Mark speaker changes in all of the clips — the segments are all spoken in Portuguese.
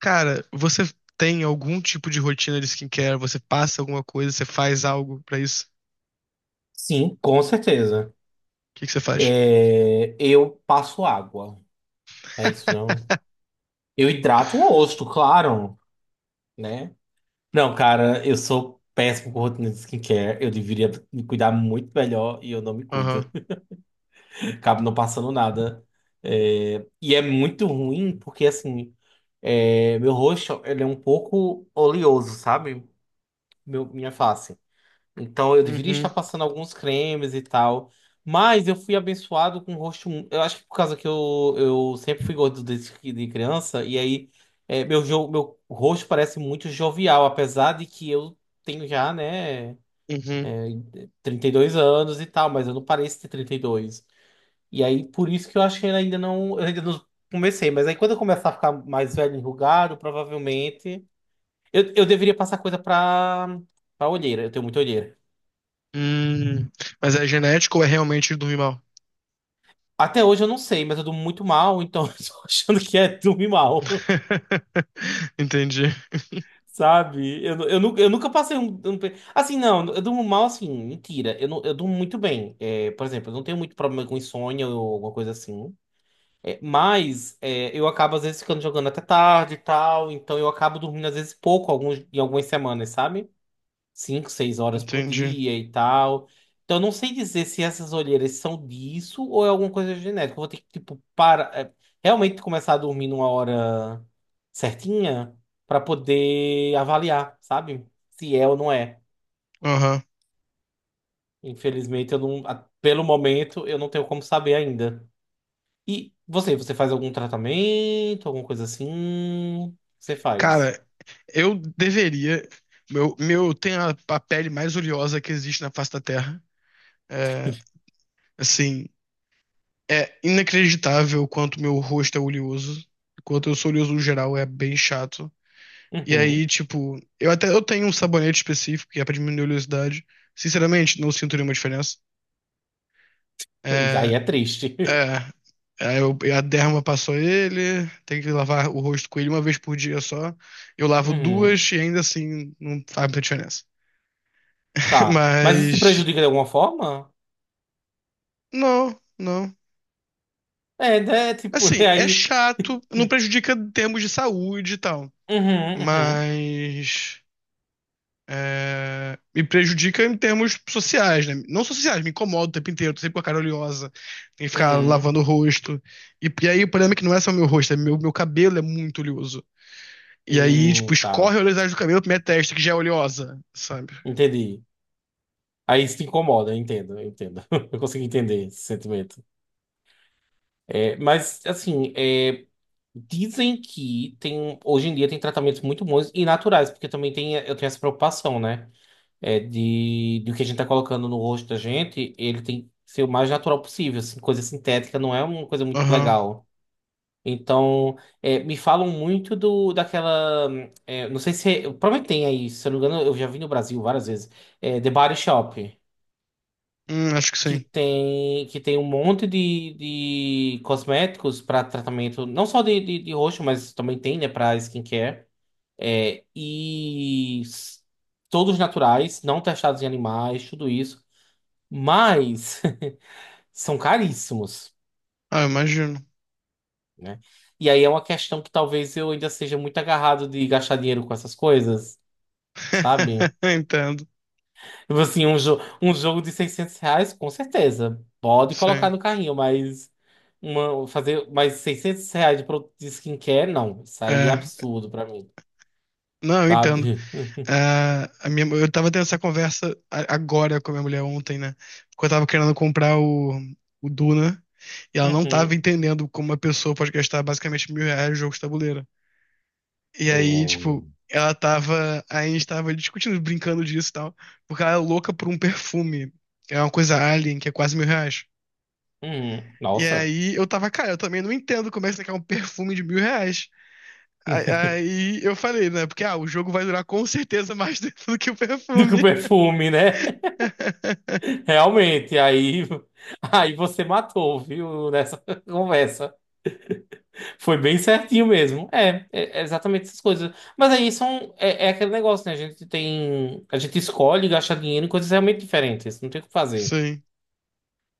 Speaker 1: Cara, você tem algum tipo de rotina de skincare? Você passa alguma coisa? Você faz algo pra isso?
Speaker 2: Sim, com certeza.
Speaker 1: O que que você faz?
Speaker 2: É, eu passo água. É isso, não? Eu hidrato o rosto, claro, né? Não, cara, eu sou péssimo com rotina de skincare. Eu deveria me cuidar muito melhor e eu não me cuido.
Speaker 1: Aham.
Speaker 2: Acabo não passando nada. É, e é muito ruim porque, assim, meu rosto ele é um pouco oleoso, sabe? Minha face. Então eu deveria
Speaker 1: Uhum.
Speaker 2: estar passando alguns cremes e tal. Mas eu fui abençoado com o rosto. Eu acho que por causa que eu sempre fui gordo de criança. E aí meu rosto parece muito jovial, apesar de que eu tenho já, né,
Speaker 1: Uhum.
Speaker 2: é, 32 anos e tal, mas eu não pareço ter 32. E dois. E aí por isso que eu acho que eu ainda não comecei. Mas aí quando eu começar a ficar mais velho, enrugado, provavelmente. Eu deveria passar coisa pra olheira. Eu tenho muita olheira.
Speaker 1: Hum. Mas é genético ou é realmente dormir mal?
Speaker 2: Até hoje eu não sei, mas eu durmo muito mal, então eu tô achando que é dormir mal,
Speaker 1: Entendi.
Speaker 2: sabe? Eu nunca passei. Assim, não, eu durmo mal assim, mentira. Eu durmo muito bem. É, por exemplo, eu não tenho muito problema com insônia ou alguma coisa assim. Eu acabo às vezes ficando jogando até tarde e tal, então eu acabo dormindo às vezes em algumas semanas, sabe? Cinco, seis horas por
Speaker 1: Entendi.
Speaker 2: dia e tal. Então, eu não sei dizer se essas olheiras são disso ou é alguma coisa genética. Eu vou ter que, tipo, realmente começar a dormir numa hora certinha para poder avaliar, sabe? Se é ou não é.
Speaker 1: Aham.
Speaker 2: Infelizmente, eu não, pelo momento, eu não tenho como saber ainda. E você faz algum tratamento, alguma coisa assim? Você faz.
Speaker 1: Cara, eu deveria. Meu, tem a pele mais oleosa que existe na face da Terra. É, assim, é inacreditável o quanto meu rosto é oleoso. O quanto eu sou oleoso no geral, é bem chato. E aí,
Speaker 2: Uhum.
Speaker 1: tipo, eu até eu tenho um sabonete específico que é pra diminuir a oleosidade. Sinceramente, não sinto nenhuma diferença.
Speaker 2: E
Speaker 1: É,
Speaker 2: aí é triste.
Speaker 1: é, eu, a derma passou ele, tem que lavar o rosto com ele uma vez por dia só. Eu lavo
Speaker 2: Uhum.
Speaker 1: duas e ainda assim não faz muita diferença.
Speaker 2: Tá. Mas isso te
Speaker 1: Mas,
Speaker 2: prejudica de alguma forma?
Speaker 1: não, não.
Speaker 2: É, né? Tipo, e
Speaker 1: Assim, é
Speaker 2: aí.
Speaker 1: chato, não prejudica em termos de saúde e tal.
Speaker 2: Uhum, uhum,
Speaker 1: Mas, é, me prejudica em termos sociais, né? Não só sociais, me incomoda o tempo inteiro, tô sempre com a cara oleosa, tem que ficar
Speaker 2: uhum.
Speaker 1: lavando o rosto. E aí o problema é que não é só meu rosto, é meu cabelo é muito oleoso. E aí, tipo,
Speaker 2: Tá.
Speaker 1: escorre a oleosidade do cabelo pra minha testa, que já é oleosa, sabe?
Speaker 2: Entendi. Aí isso te incomoda, eu entendo, eu entendo. Eu consigo entender esse sentimento. É, mas, assim, é, dizem que tem, um, hoje em dia tem tratamentos muito bons e naturais, porque também tem, eu tenho essa preocupação, né? De o que a gente tá colocando no rosto da gente, ele tem que ser o mais natural possível, assim, coisa sintética não é uma coisa muito
Speaker 1: Aham.
Speaker 2: legal. Então, me falam muito do daquela. É, não sei se. Eu Provavelmente tem aí, se eu não me engano, eu já vi no Brasil várias vezes. É, The Body Shop,
Speaker 1: Acho que
Speaker 2: que
Speaker 1: sim.
Speaker 2: tem, que tem um monte de cosméticos para tratamento, não só de rosto, mas também tem, né, para skincare. É, e s- todos naturais, não testados em animais, tudo isso. Mas são caríssimos,
Speaker 1: Ah, eu imagino.
Speaker 2: né? E aí é uma questão que talvez eu ainda seja muito agarrado de gastar dinheiro com essas coisas, sabe?
Speaker 1: Entendo.
Speaker 2: Tipo assim, um, jo um jogo de R$ 600, com certeza, pode colocar
Speaker 1: Sim.
Speaker 2: no carrinho, mas fazer mais R$ 600 de produto de skincare, não. Isso aí é
Speaker 1: É.
Speaker 2: absurdo pra mim,
Speaker 1: Não, eu entendo.
Speaker 2: sabe?
Speaker 1: Ah, a minha, eu tava tendo essa conversa agora com a minha mulher ontem, né? Porque eu tava querendo comprar o Duna e ela não tava
Speaker 2: Uhum.
Speaker 1: entendendo como uma pessoa pode gastar basicamente R$ 1.000 no jogo de tabuleiro. E
Speaker 2: É.
Speaker 1: aí, tipo, ela tava. A gente tava discutindo, brincando disso e tal, porque ela é louca por um perfume. É uma coisa alien, que é quase R$ 1.000.
Speaker 2: Uhum.
Speaker 1: E
Speaker 2: Nossa.
Speaker 1: aí eu tava, cara, eu também não entendo como é que você quer um perfume de R$ 1.000. Aí aí eu falei, né? Porque ah, o jogo vai durar com certeza mais do que o
Speaker 2: Do que o
Speaker 1: perfume.
Speaker 2: perfume, né? Realmente, aí você matou, viu, nessa conversa. Foi bem certinho mesmo. É exatamente essas coisas. Mas aí é aquele negócio, né? A gente tem. A gente escolhe gastar dinheiro em coisas realmente diferentes. Não tem o que fazer.
Speaker 1: Sim,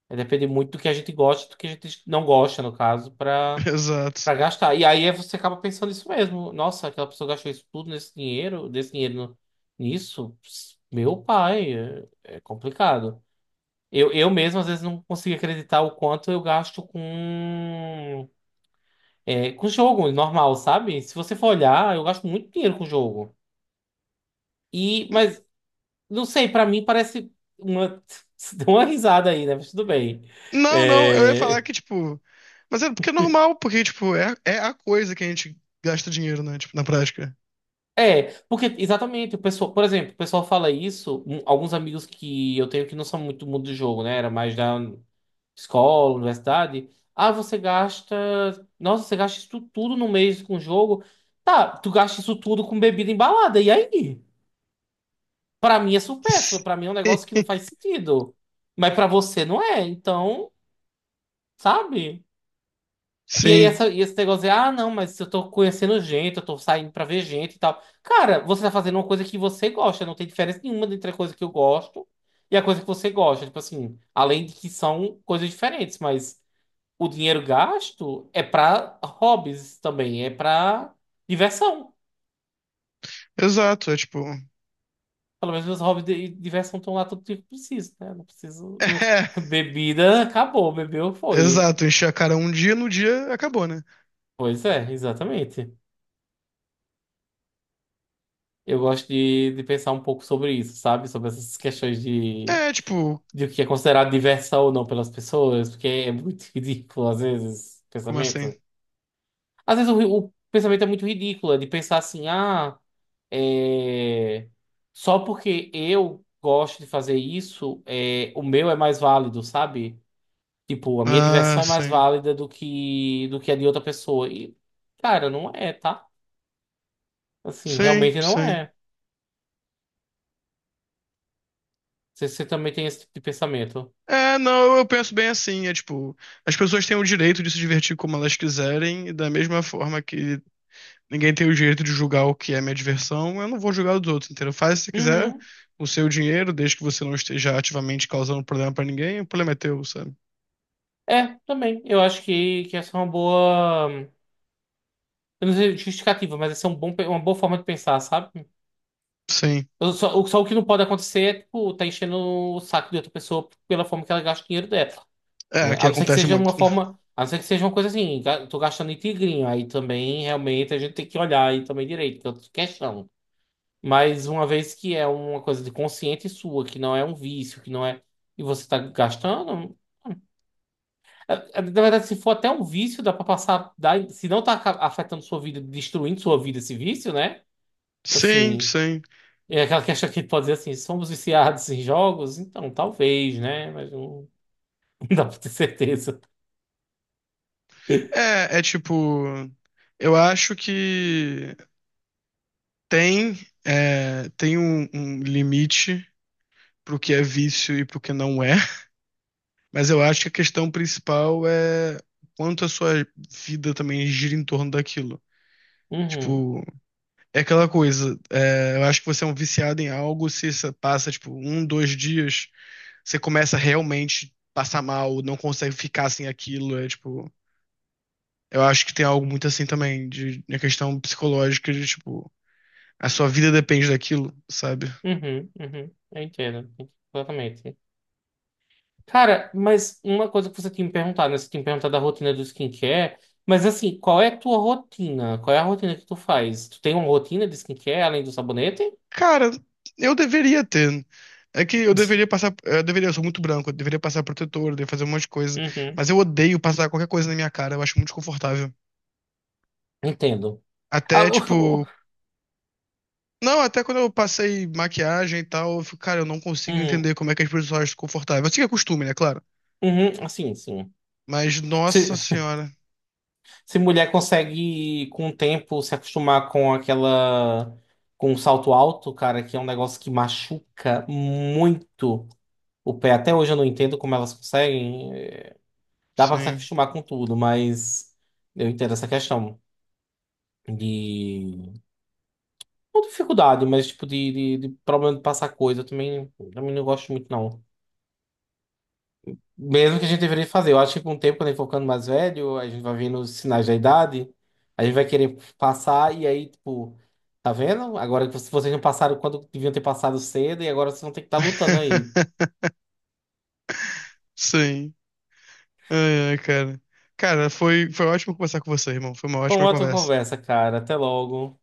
Speaker 2: É depender muito do que a gente gosta e do que a gente não gosta, no caso, para
Speaker 1: exato.
Speaker 2: para gastar. E aí você acaba pensando isso mesmo. Nossa, aquela pessoa gastou isso tudo desse dinheiro nisso. Ps, Meu pai, é complicado. Eu mesmo, às vezes, não consigo acreditar o quanto eu gasto com jogo normal, sabe? Se você for olhar, eu gasto muito dinheiro com jogo. Mas, não sei, pra mim parece uma. Você deu uma risada aí, né? Mas tudo bem.
Speaker 1: Não, não, eu ia falar
Speaker 2: É,
Speaker 1: que, tipo. Mas é porque é normal, porque, tipo, é, é a coisa que a gente gasta dinheiro, né? Tipo, na prática.
Speaker 2: porque exatamente, o pessoal, por exemplo, o pessoal fala isso, alguns amigos que eu tenho que não são muito do mundo do jogo, né? Era mais da escola, universidade. Ah, você gasta. Nossa, você gasta isso tudo no mês com jogo. Tá, tu gasta isso tudo com bebida embalada, e aí? Pra mim é supérfluo, pra mim é um negócio que não faz sentido. Mas pra você não é, então, sabe? E aí
Speaker 1: Sim,
Speaker 2: e esse negócio de, ah, não, mas eu tô conhecendo gente, eu tô saindo pra ver gente e tal. Cara, você tá fazendo uma coisa que você gosta, não tem diferença nenhuma entre a coisa que eu gosto e a coisa que você gosta. Tipo assim, além de que são coisas diferentes, mas o dinheiro gasto é pra hobbies também, é pra diversão.
Speaker 1: exato. É, tipo.
Speaker 2: Pelo menos meus hobbies de e diversão estão lá todo dia que eu preciso, né? Não preciso. Bebida acabou, bebeu
Speaker 1: É,
Speaker 2: foi.
Speaker 1: exato. Encher a cara um dia, no dia acabou, né?
Speaker 2: Pois é, exatamente. Eu gosto de pensar um pouco sobre isso, sabe? Sobre essas questões de,
Speaker 1: É, tipo.
Speaker 2: de o que é considerado diversão ou não pelas pessoas, porque é muito ridículo, às vezes, o
Speaker 1: Como assim?
Speaker 2: pensamento. Às vezes o pensamento é muito ridículo, é de pensar assim, ah, é... só porque eu gosto de fazer isso, o meu é mais válido, sabe? Tipo, a minha
Speaker 1: Ah,
Speaker 2: diversão é mais
Speaker 1: sim.
Speaker 2: válida do que a de outra pessoa. E, cara, não é, tá? Assim,
Speaker 1: Sim,
Speaker 2: realmente não
Speaker 1: sim.
Speaker 2: é. Você também tem esse tipo de pensamento.
Speaker 1: É, não, eu penso bem assim. É, tipo, as pessoas têm o direito de se divertir como elas quiserem, e da mesma forma que ninguém tem o direito de julgar o que é minha diversão, eu não vou julgar os outros, entendeu? Faz se você quiser
Speaker 2: Uhum.
Speaker 1: o seu dinheiro, desde que você não esteja ativamente causando problema pra ninguém, o problema é teu, sabe?
Speaker 2: É, também. Eu acho que essa é uma boa. Eu não sei justificativa, mas essa é uma boa forma de pensar, sabe?
Speaker 1: Sim.
Speaker 2: Só o que não pode acontecer é, tipo, tá enchendo o saco de outra pessoa pela forma que ela gasta o dinheiro dela,
Speaker 1: É,
Speaker 2: né? A
Speaker 1: que
Speaker 2: não ser que
Speaker 1: acontece
Speaker 2: seja uma
Speaker 1: muito.
Speaker 2: forma. A não ser que seja uma coisa assim, tô gastando em tigrinho. Aí também, realmente, a gente tem que olhar aí também direito, que é outra questão. Mas uma vez que é uma coisa de consciente sua, que não é um vício, que não é. E você tá gastando. é- Na verdade, se for até um vício, dá pra passar. Se não tá afetando sua vida, destruindo sua vida esse vício, né?
Speaker 1: Sim,
Speaker 2: Assim.
Speaker 1: sim.
Speaker 2: É aquela questão que pode dizer assim: somos viciados em jogos? Então, talvez, né? Mas não, não dá pra ter certeza.
Speaker 1: É, é tipo, eu acho que tem, é, tem um limite pro que é vício e pro que não é, mas eu acho que a questão principal é quanto a sua vida também gira em torno daquilo.
Speaker 2: Uhum,
Speaker 1: Tipo, é aquela coisa, é, eu acho que você é um viciado em algo, se isso passa, tipo, um, dois dias, você começa a realmente passar mal, não consegue ficar sem aquilo, é tipo... Eu acho que tem algo muito assim também, de, na questão psicológica, de, tipo, a sua vida depende daquilo, sabe?
Speaker 2: uhum, uhum. Eu entendo, exatamente. Cara, mas uma coisa que você tinha me perguntado, né? Você tinha me perguntado da rotina do skincare. Mas assim, qual é a tua rotina? Qual é a rotina que tu faz? Tu tem uma rotina de skincare além do sabonete?
Speaker 1: Cara, eu deveria ter. É que eu deveria passar... Eu deveria, eu sou muito branco, eu deveria passar protetor, eu deveria fazer um monte de coisa,
Speaker 2: Uhum,
Speaker 1: mas eu odeio passar qualquer coisa na minha cara, eu acho muito desconfortável.
Speaker 2: entendo. Ah,
Speaker 1: Até, tipo, não, até quando eu passei maquiagem e tal, eu fico, cara, eu não consigo
Speaker 2: uhum,
Speaker 1: entender como é que as pessoas acham confortável. Assim que é costume, né, claro.
Speaker 2: uhum, assim, sim.
Speaker 1: Mas,
Speaker 2: Se,
Speaker 1: nossa senhora,
Speaker 2: se mulher consegue, com o tempo, se acostumar com aquela... Com o salto alto, cara, que é um negócio que machuca muito o pé. Até hoje eu não entendo como elas conseguem. Dá pra se
Speaker 1: sim.
Speaker 2: acostumar com tudo, mas eu entendo essa questão de. Não dificuldade, mas tipo de problema de passar coisa. Eu também não gosto muito, não. Mesmo que a gente deveria fazer. Eu acho que com o tempo, quando a gente for ficando mais velho, a gente vai vendo os sinais da idade, a gente vai querer passar e aí, tipo, tá vendo? Agora que vocês não passaram quando deviam ter passado cedo e agora vocês vão ter que estar lutando aí.
Speaker 1: Sim. Ai, ai, cara. Cara, foi ótimo conversar com você, irmão. Foi uma
Speaker 2: Bom,
Speaker 1: ótima
Speaker 2: outra
Speaker 1: conversa.
Speaker 2: conversa, cara. Até logo.